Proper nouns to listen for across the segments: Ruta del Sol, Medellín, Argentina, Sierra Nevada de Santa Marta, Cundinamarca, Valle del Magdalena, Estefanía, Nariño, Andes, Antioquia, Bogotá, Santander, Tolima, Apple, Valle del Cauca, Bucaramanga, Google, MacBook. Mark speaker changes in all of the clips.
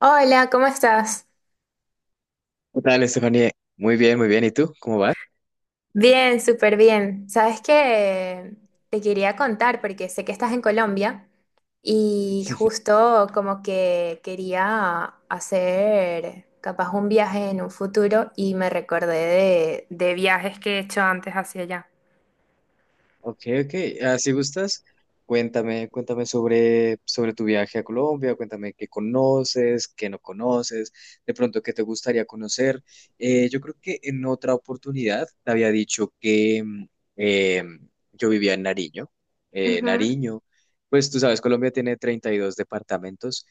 Speaker 1: Hola, ¿cómo estás?
Speaker 2: ¿Qué tal, Estefanía? Muy bien, muy bien. ¿Y tú? ¿Cómo vas?
Speaker 1: Bien, súper bien. ¿Sabes que? Te quería contar porque sé que estás en Colombia y justo como que quería hacer capaz un viaje en un futuro y me recordé de viajes que he hecho antes hacia allá.
Speaker 2: Ok, ok. Ah, si gustas, cuéntame sobre tu viaje a Colombia, cuéntame qué conoces, qué no conoces, de pronto qué te gustaría conocer. Yo creo que en otra oportunidad te había dicho que eh, yo vivía en Nariño.
Speaker 1: Ujú.
Speaker 2: Nariño, pues tú sabes, Colombia tiene 32 departamentos.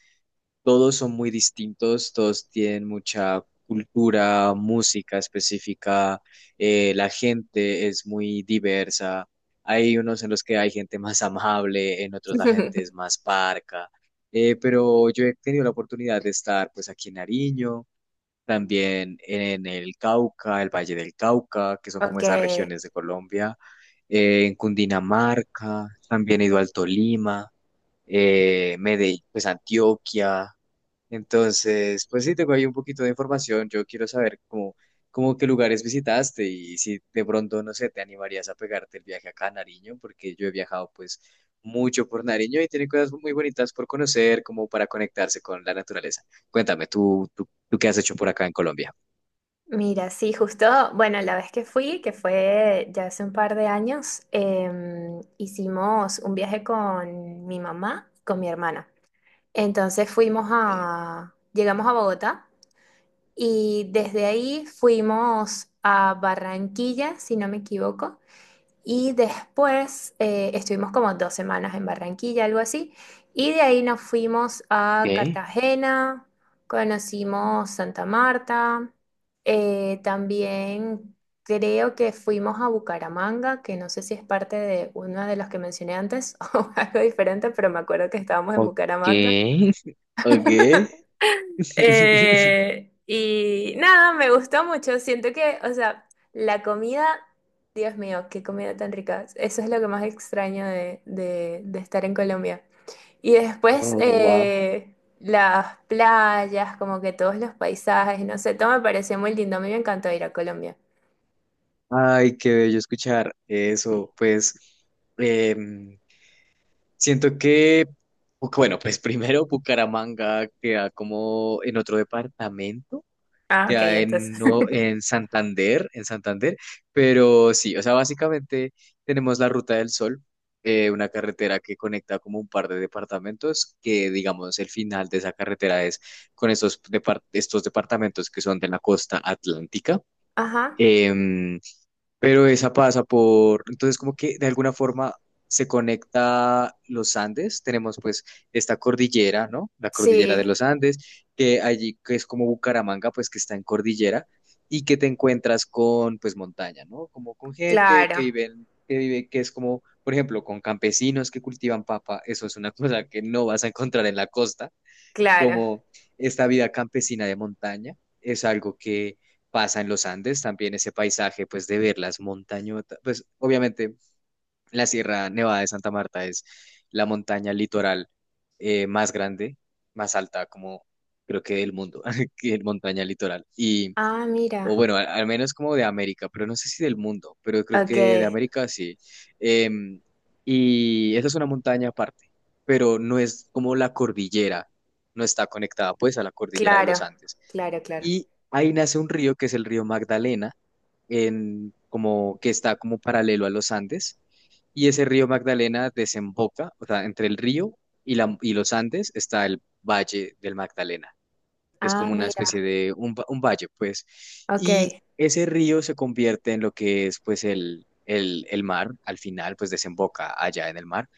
Speaker 2: Todos son muy distintos, todos tienen mucha cultura, música específica, la gente es muy diversa. Hay unos en los que hay gente más amable, en otros la gente es más parca. Pero yo he tenido la oportunidad de estar pues aquí en Nariño, también en el Cauca, el Valle del Cauca, que son como
Speaker 1: Ok,
Speaker 2: esas regiones de Colombia, en Cundinamarca, también he ido al Tolima, Medellín, pues Antioquia, entonces, pues sí, tengo ahí un poquito de información. Yo quiero saber cómo qué lugares visitaste y si de pronto, no sé, te animarías a pegarte el viaje acá a Nariño, porque yo he viajado pues mucho por Nariño y tiene cosas muy bonitas por conocer, como para conectarse con la naturaleza. Cuéntame, ¿tú qué has hecho por acá en Colombia?
Speaker 1: mira, sí, justo, bueno, la vez que fui, que fue ya hace un par de años, hicimos un viaje con mi mamá, con mi hermana. Entonces fuimos
Speaker 2: Sí.
Speaker 1: a, llegamos a Bogotá y desde ahí fuimos a Barranquilla, si no me equivoco, y después estuvimos como dos semanas en Barranquilla, algo así, y de ahí nos fuimos a
Speaker 2: ¿Qué?
Speaker 1: Cartagena, conocimos Santa Marta, también creo que fuimos a Bucaramanga, que no sé si es parte de uno de los que mencioné antes o algo diferente, pero me acuerdo que estábamos en
Speaker 2: Ok,
Speaker 1: Bucaramanga.
Speaker 2: ok.
Speaker 1: Y nada, me gustó mucho. Siento que, o sea, la comida, Dios mío, qué comida tan rica. Eso es lo que más extraño de estar en Colombia. Y después
Speaker 2: Oh, wow.
Speaker 1: las playas, como que todos los paisajes, no sé, todo me pareció muy lindo. A mí me encantó ir a Colombia.
Speaker 2: Ay, qué bello escuchar eso. Pues, em, siento que, bueno, pues primero Bucaramanga queda como en otro departamento,
Speaker 1: Ah, ok,
Speaker 2: queda
Speaker 1: entonces.
Speaker 2: en, no, En Santander, pero sí, o sea, básicamente tenemos la Ruta del Sol, una carretera que conecta como un par de departamentos, que digamos el final de esa carretera es con estos departamentos que son de la costa atlántica.
Speaker 1: Ajá.
Speaker 2: em, pero esa pasa por, entonces como que de alguna forma se conecta los Andes, tenemos pues esta cordillera, ¿no? La cordillera de
Speaker 1: Sí,
Speaker 2: los Andes, que allí que es como Bucaramanga, pues que está en cordillera y que te encuentras con pues montaña, ¿no? Como con gente que
Speaker 1: claro,
Speaker 2: vive, en- que vive, que es como, por ejemplo, con campesinos que cultivan papa, eso es una cosa que no vas a encontrar en la costa
Speaker 1: claro.
Speaker 2: como esta vida campesina de montaña es algo que pasa en los Andes, también ese paisaje pues de ver las montañotas, pues obviamente la Sierra Nevada de Santa Marta es la montaña litoral más grande, más alta como creo que del mundo, que es montaña litoral. Y
Speaker 1: Ah,
Speaker 2: o
Speaker 1: mira.
Speaker 2: bueno, al menos como de América, pero no sé si del mundo, pero creo
Speaker 1: Ok,
Speaker 2: que de América sí. Em, y esa es una montaña aparte, pero no es como la cordillera, no está conectada pues a la cordillera de los
Speaker 1: claro,
Speaker 2: Andes.
Speaker 1: claro, claro.
Speaker 2: Y ahí nace un río que es el río Magdalena, en, como, que está como paralelo a los Andes. Y ese río Magdalena desemboca, o sea, entre el río y los Andes está el Valle del Magdalena es
Speaker 1: Ah,
Speaker 2: como una
Speaker 1: mira,
Speaker 2: especie de un, un valle, pues. Y
Speaker 1: ok.
Speaker 2: ese río se convierte en lo que es, pues, el mar, al final, pues, desemboca allá en el mar.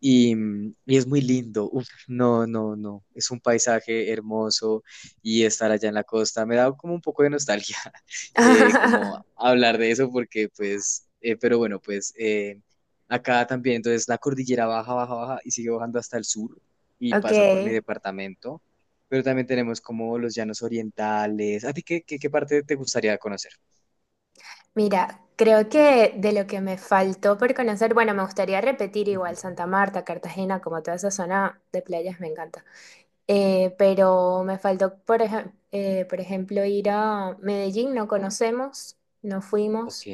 Speaker 2: Y, y es muy lindo, Uf, no, no, no, es un paisaje hermoso y estar allá en la costa me da como un poco de nostalgia, como hablar de eso porque, pues, pero bueno, pues... Acá también, entonces la cordillera baja, baja, baja y sigue bajando hasta el sur y
Speaker 1: Ok,
Speaker 2: pasa por mi departamento pero también tenemos como los llanos orientales. ¿A ti qué parte te gustaría conocer?
Speaker 1: mira, creo que de lo que me faltó por conocer, bueno, me gustaría repetir igual
Speaker 2: Ujú.
Speaker 1: Santa Marta, Cartagena, como toda esa zona de playas me encanta. Pero me faltó, por ejemplo, ir a Medellín, no conocemos, no
Speaker 2: Ok.
Speaker 1: fuimos.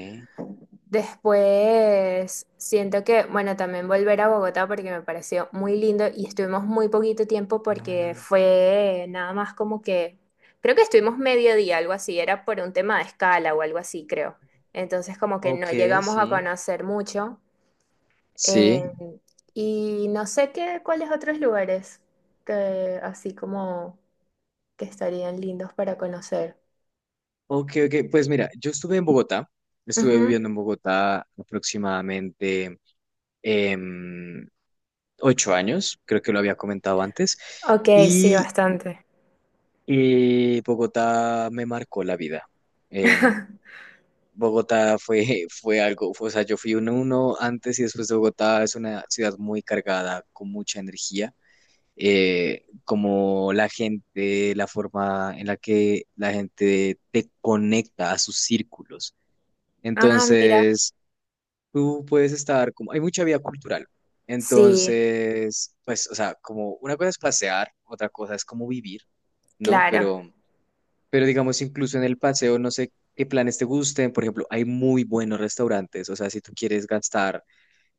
Speaker 1: Después siento que, bueno, también volver a Bogotá porque me pareció muy lindo y estuvimos muy poquito tiempo porque
Speaker 2: Ah,
Speaker 1: fue nada más como que, creo que estuvimos medio día, algo así, era por un tema de escala o algo así, creo. Entonces como que no
Speaker 2: ok,
Speaker 1: llegamos a
Speaker 2: sí.
Speaker 1: conocer mucho. eh,
Speaker 2: Sí.
Speaker 1: y no sé qué, cuáles otros lugares que así como que estarían lindos para conocer.
Speaker 2: Ok, ok. Pues mira, yo estuve en Bogotá. Estuve
Speaker 1: Ujú.
Speaker 2: viviendo en Bogotá aproximadamente em, 8 años. Creo que lo había comentado antes.
Speaker 1: Ok, sí,
Speaker 2: Y
Speaker 1: bastante.
Speaker 2: Bogotá me marcó la vida. em, Bogotá fue algo, o sea, yo fui uno antes y después de Bogotá, es una ciudad muy cargada, con mucha energía. Como la gente, la forma en la que la gente te conecta a sus círculos.
Speaker 1: Ah, mira,
Speaker 2: Entonces, tú puedes estar como, hay mucha vida cultural.
Speaker 1: sí.
Speaker 2: Entonces, pues, o sea, como una cosa es pasear, otra cosa es como vivir, ¿no?
Speaker 1: Claro,
Speaker 2: Pero digamos, incluso en el paseo, no sé qué planes te gusten. Por ejemplo, hay muy buenos restaurantes. O sea, si tú quieres gastar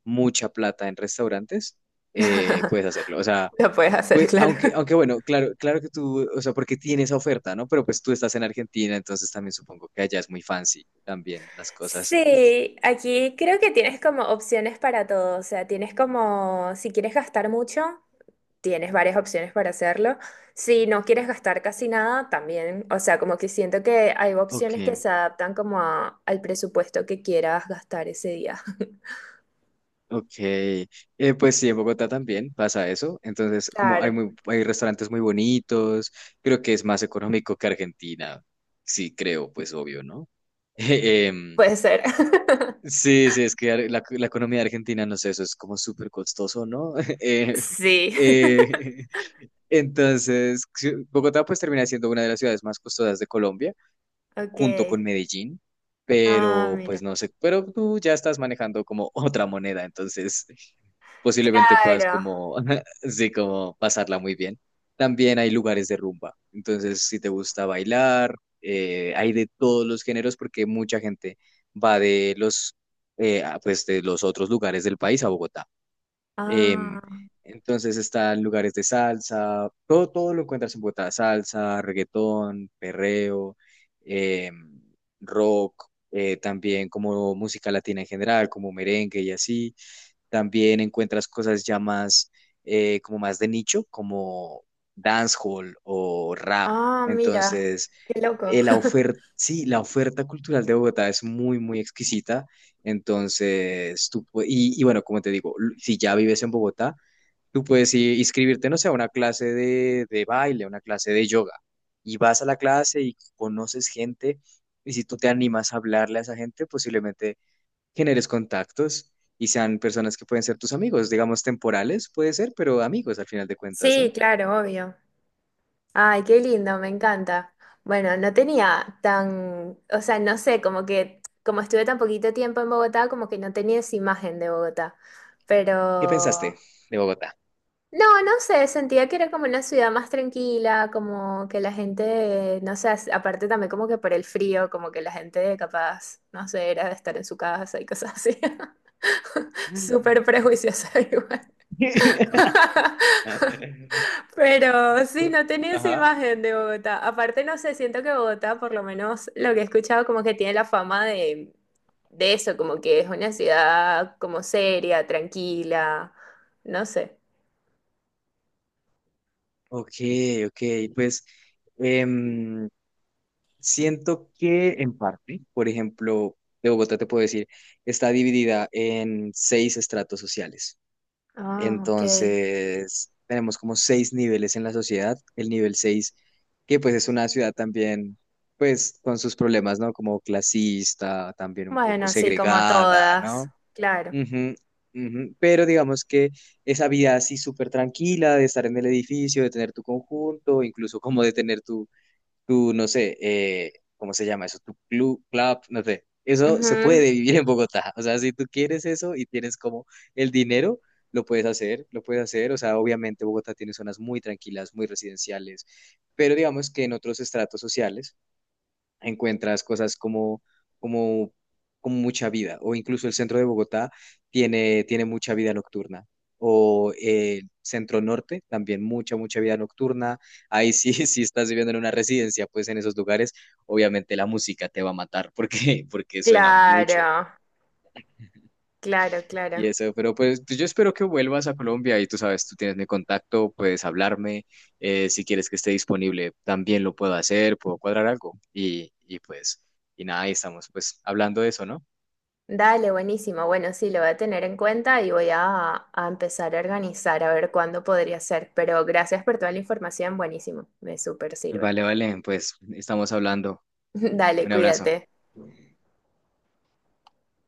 Speaker 2: mucha plata en restaurantes, puedes hacerlo. O sea,
Speaker 1: lo puedes hacer,
Speaker 2: pues,
Speaker 1: claro.
Speaker 2: aunque bueno, claro, que tú, o sea, porque tienes esa oferta, ¿no? Pero pues tú estás en Argentina, entonces también supongo que allá es muy fancy también las cosas.
Speaker 1: Sí, aquí creo que tienes como opciones para todo, o sea, tienes como, si quieres gastar mucho, tienes varias opciones para hacerlo, si no quieres gastar casi nada, también, o sea, como que siento que hay
Speaker 2: Ok.
Speaker 1: opciones que se adaptan como al presupuesto que quieras gastar ese día.
Speaker 2: Ok, pues sí, en Bogotá también pasa eso. Entonces, como
Speaker 1: Claro,
Speaker 2: hay restaurantes muy bonitos, creo que es más económico que Argentina. Sí, creo, pues obvio, ¿no? Em,
Speaker 1: puede ser.
Speaker 2: sí, sí, es que la economía de Argentina, no sé, eso es como súper costoso, ¿no? Eh,
Speaker 1: Sí.
Speaker 2: eh, entonces, sí, Bogotá pues termina siendo una de las ciudades más costosas de Colombia,
Speaker 1: Ok.
Speaker 2: junto con Medellín,
Speaker 1: Ah,
Speaker 2: pero pues
Speaker 1: mira.
Speaker 2: no sé, pero tú ya estás manejando como otra moneda, entonces posiblemente puedas
Speaker 1: Claro.
Speaker 2: como, sí, como pasarla muy bien. También hay lugares de rumba, entonces si te gusta bailar, hay de todos los géneros porque mucha gente va pues de los otros lugares del país a Bogotá. Em,
Speaker 1: Ah,
Speaker 2: entonces están lugares de salsa, todo, todo lo encuentras en Bogotá, salsa, reggaetón, perreo, em, rock, también como música latina en general, como merengue y así. También encuentras cosas ya más, como más de nicho, como dancehall o rap.
Speaker 1: ah, mira.
Speaker 2: Entonces,
Speaker 1: Qué loco.
Speaker 2: la oferta, sí, la oferta cultural de Bogotá es muy, muy exquisita entonces, tú, y bueno, como te digo, si ya vives en Bogotá, tú puedes inscribirte, no sé, a una clase de baile, a una clase de yoga, y vas a la clase y conoces gente, y si tú te animas a hablarle a esa gente, posiblemente generes contactos y sean personas que pueden ser tus amigos, digamos temporales, puede ser, pero amigos al final de cuentas, ¿no?
Speaker 1: Sí, claro, obvio. Ay, qué lindo, me encanta. Bueno, no tenía tan, o sea, no sé, como que como estuve tan poquito tiempo en Bogotá, como que no tenía esa imagen de Bogotá.
Speaker 2: ¿Qué
Speaker 1: Pero,
Speaker 2: pensaste de Bogotá?
Speaker 1: no, no sé, sentía que era como una ciudad más tranquila, como que la gente, no sé, aparte también como que por el frío, como que la gente capaz, no sé, era de estar en su casa y cosas así. Súper prejuiciosa igual.
Speaker 2: ¿Ah?
Speaker 1: Pero sí, no tenía esa imagen de Bogotá. Aparte, no sé, siento que Bogotá, por lo menos lo que he escuchado, como que tiene la fama de eso, como que es una ciudad como seria, tranquila, no sé.
Speaker 2: Ok, ok, pues... Siento que en parte, por ejemplo, de Bogotá te puedo decir, está dividida en seis estratos sociales.
Speaker 1: Ah, ok.
Speaker 2: Entonces, tenemos como seis niveles en la sociedad. El nivel seis, que pues es una ciudad también, pues con sus problemas, ¿no? Como clasista, también un poco
Speaker 1: Bueno, sí, como
Speaker 2: segregada,
Speaker 1: todas,
Speaker 2: ¿no?
Speaker 1: claro.
Speaker 2: Ujú, ujú. Pero digamos que esa vida así súper tranquila de estar en el edificio, de tener tu conjunto, incluso como de tener tú, no sé, ¿cómo se llama eso? Tu club, no sé. Eso se
Speaker 1: Ujú.
Speaker 2: puede vivir en Bogotá. O sea, si tú quieres eso y tienes como el dinero, lo puedes hacer, lo puedes hacer. O sea, obviamente Bogotá tiene zonas muy tranquilas, muy residenciales, pero digamos que en otros estratos sociales encuentras cosas como, como mucha vida, o incluso el centro de Bogotá tiene mucha vida nocturna, o centro norte también mucha, mucha vida nocturna. Ahí sí, si estás viviendo en una residencia, pues en esos lugares, obviamente la música te va a matar porque, suena mucho.
Speaker 1: Claro, claro,
Speaker 2: Y
Speaker 1: claro.
Speaker 2: eso, pero pues yo espero que vuelvas a Colombia y tú sabes, tú tienes mi contacto, puedes hablarme, si quieres que esté disponible, también lo puedo hacer, puedo cuadrar algo. Y pues, y nada, ahí estamos pues hablando de eso, ¿no?
Speaker 1: Dale, buenísimo. Bueno, sí, lo voy a tener en cuenta y voy a empezar a organizar a ver cuándo podría ser. Pero gracias por toda la información, buenísimo. Me súper sirve.
Speaker 2: Vale, vale, pues estamos hablando.
Speaker 1: Dale,
Speaker 2: Un abrazo.
Speaker 1: cuídate.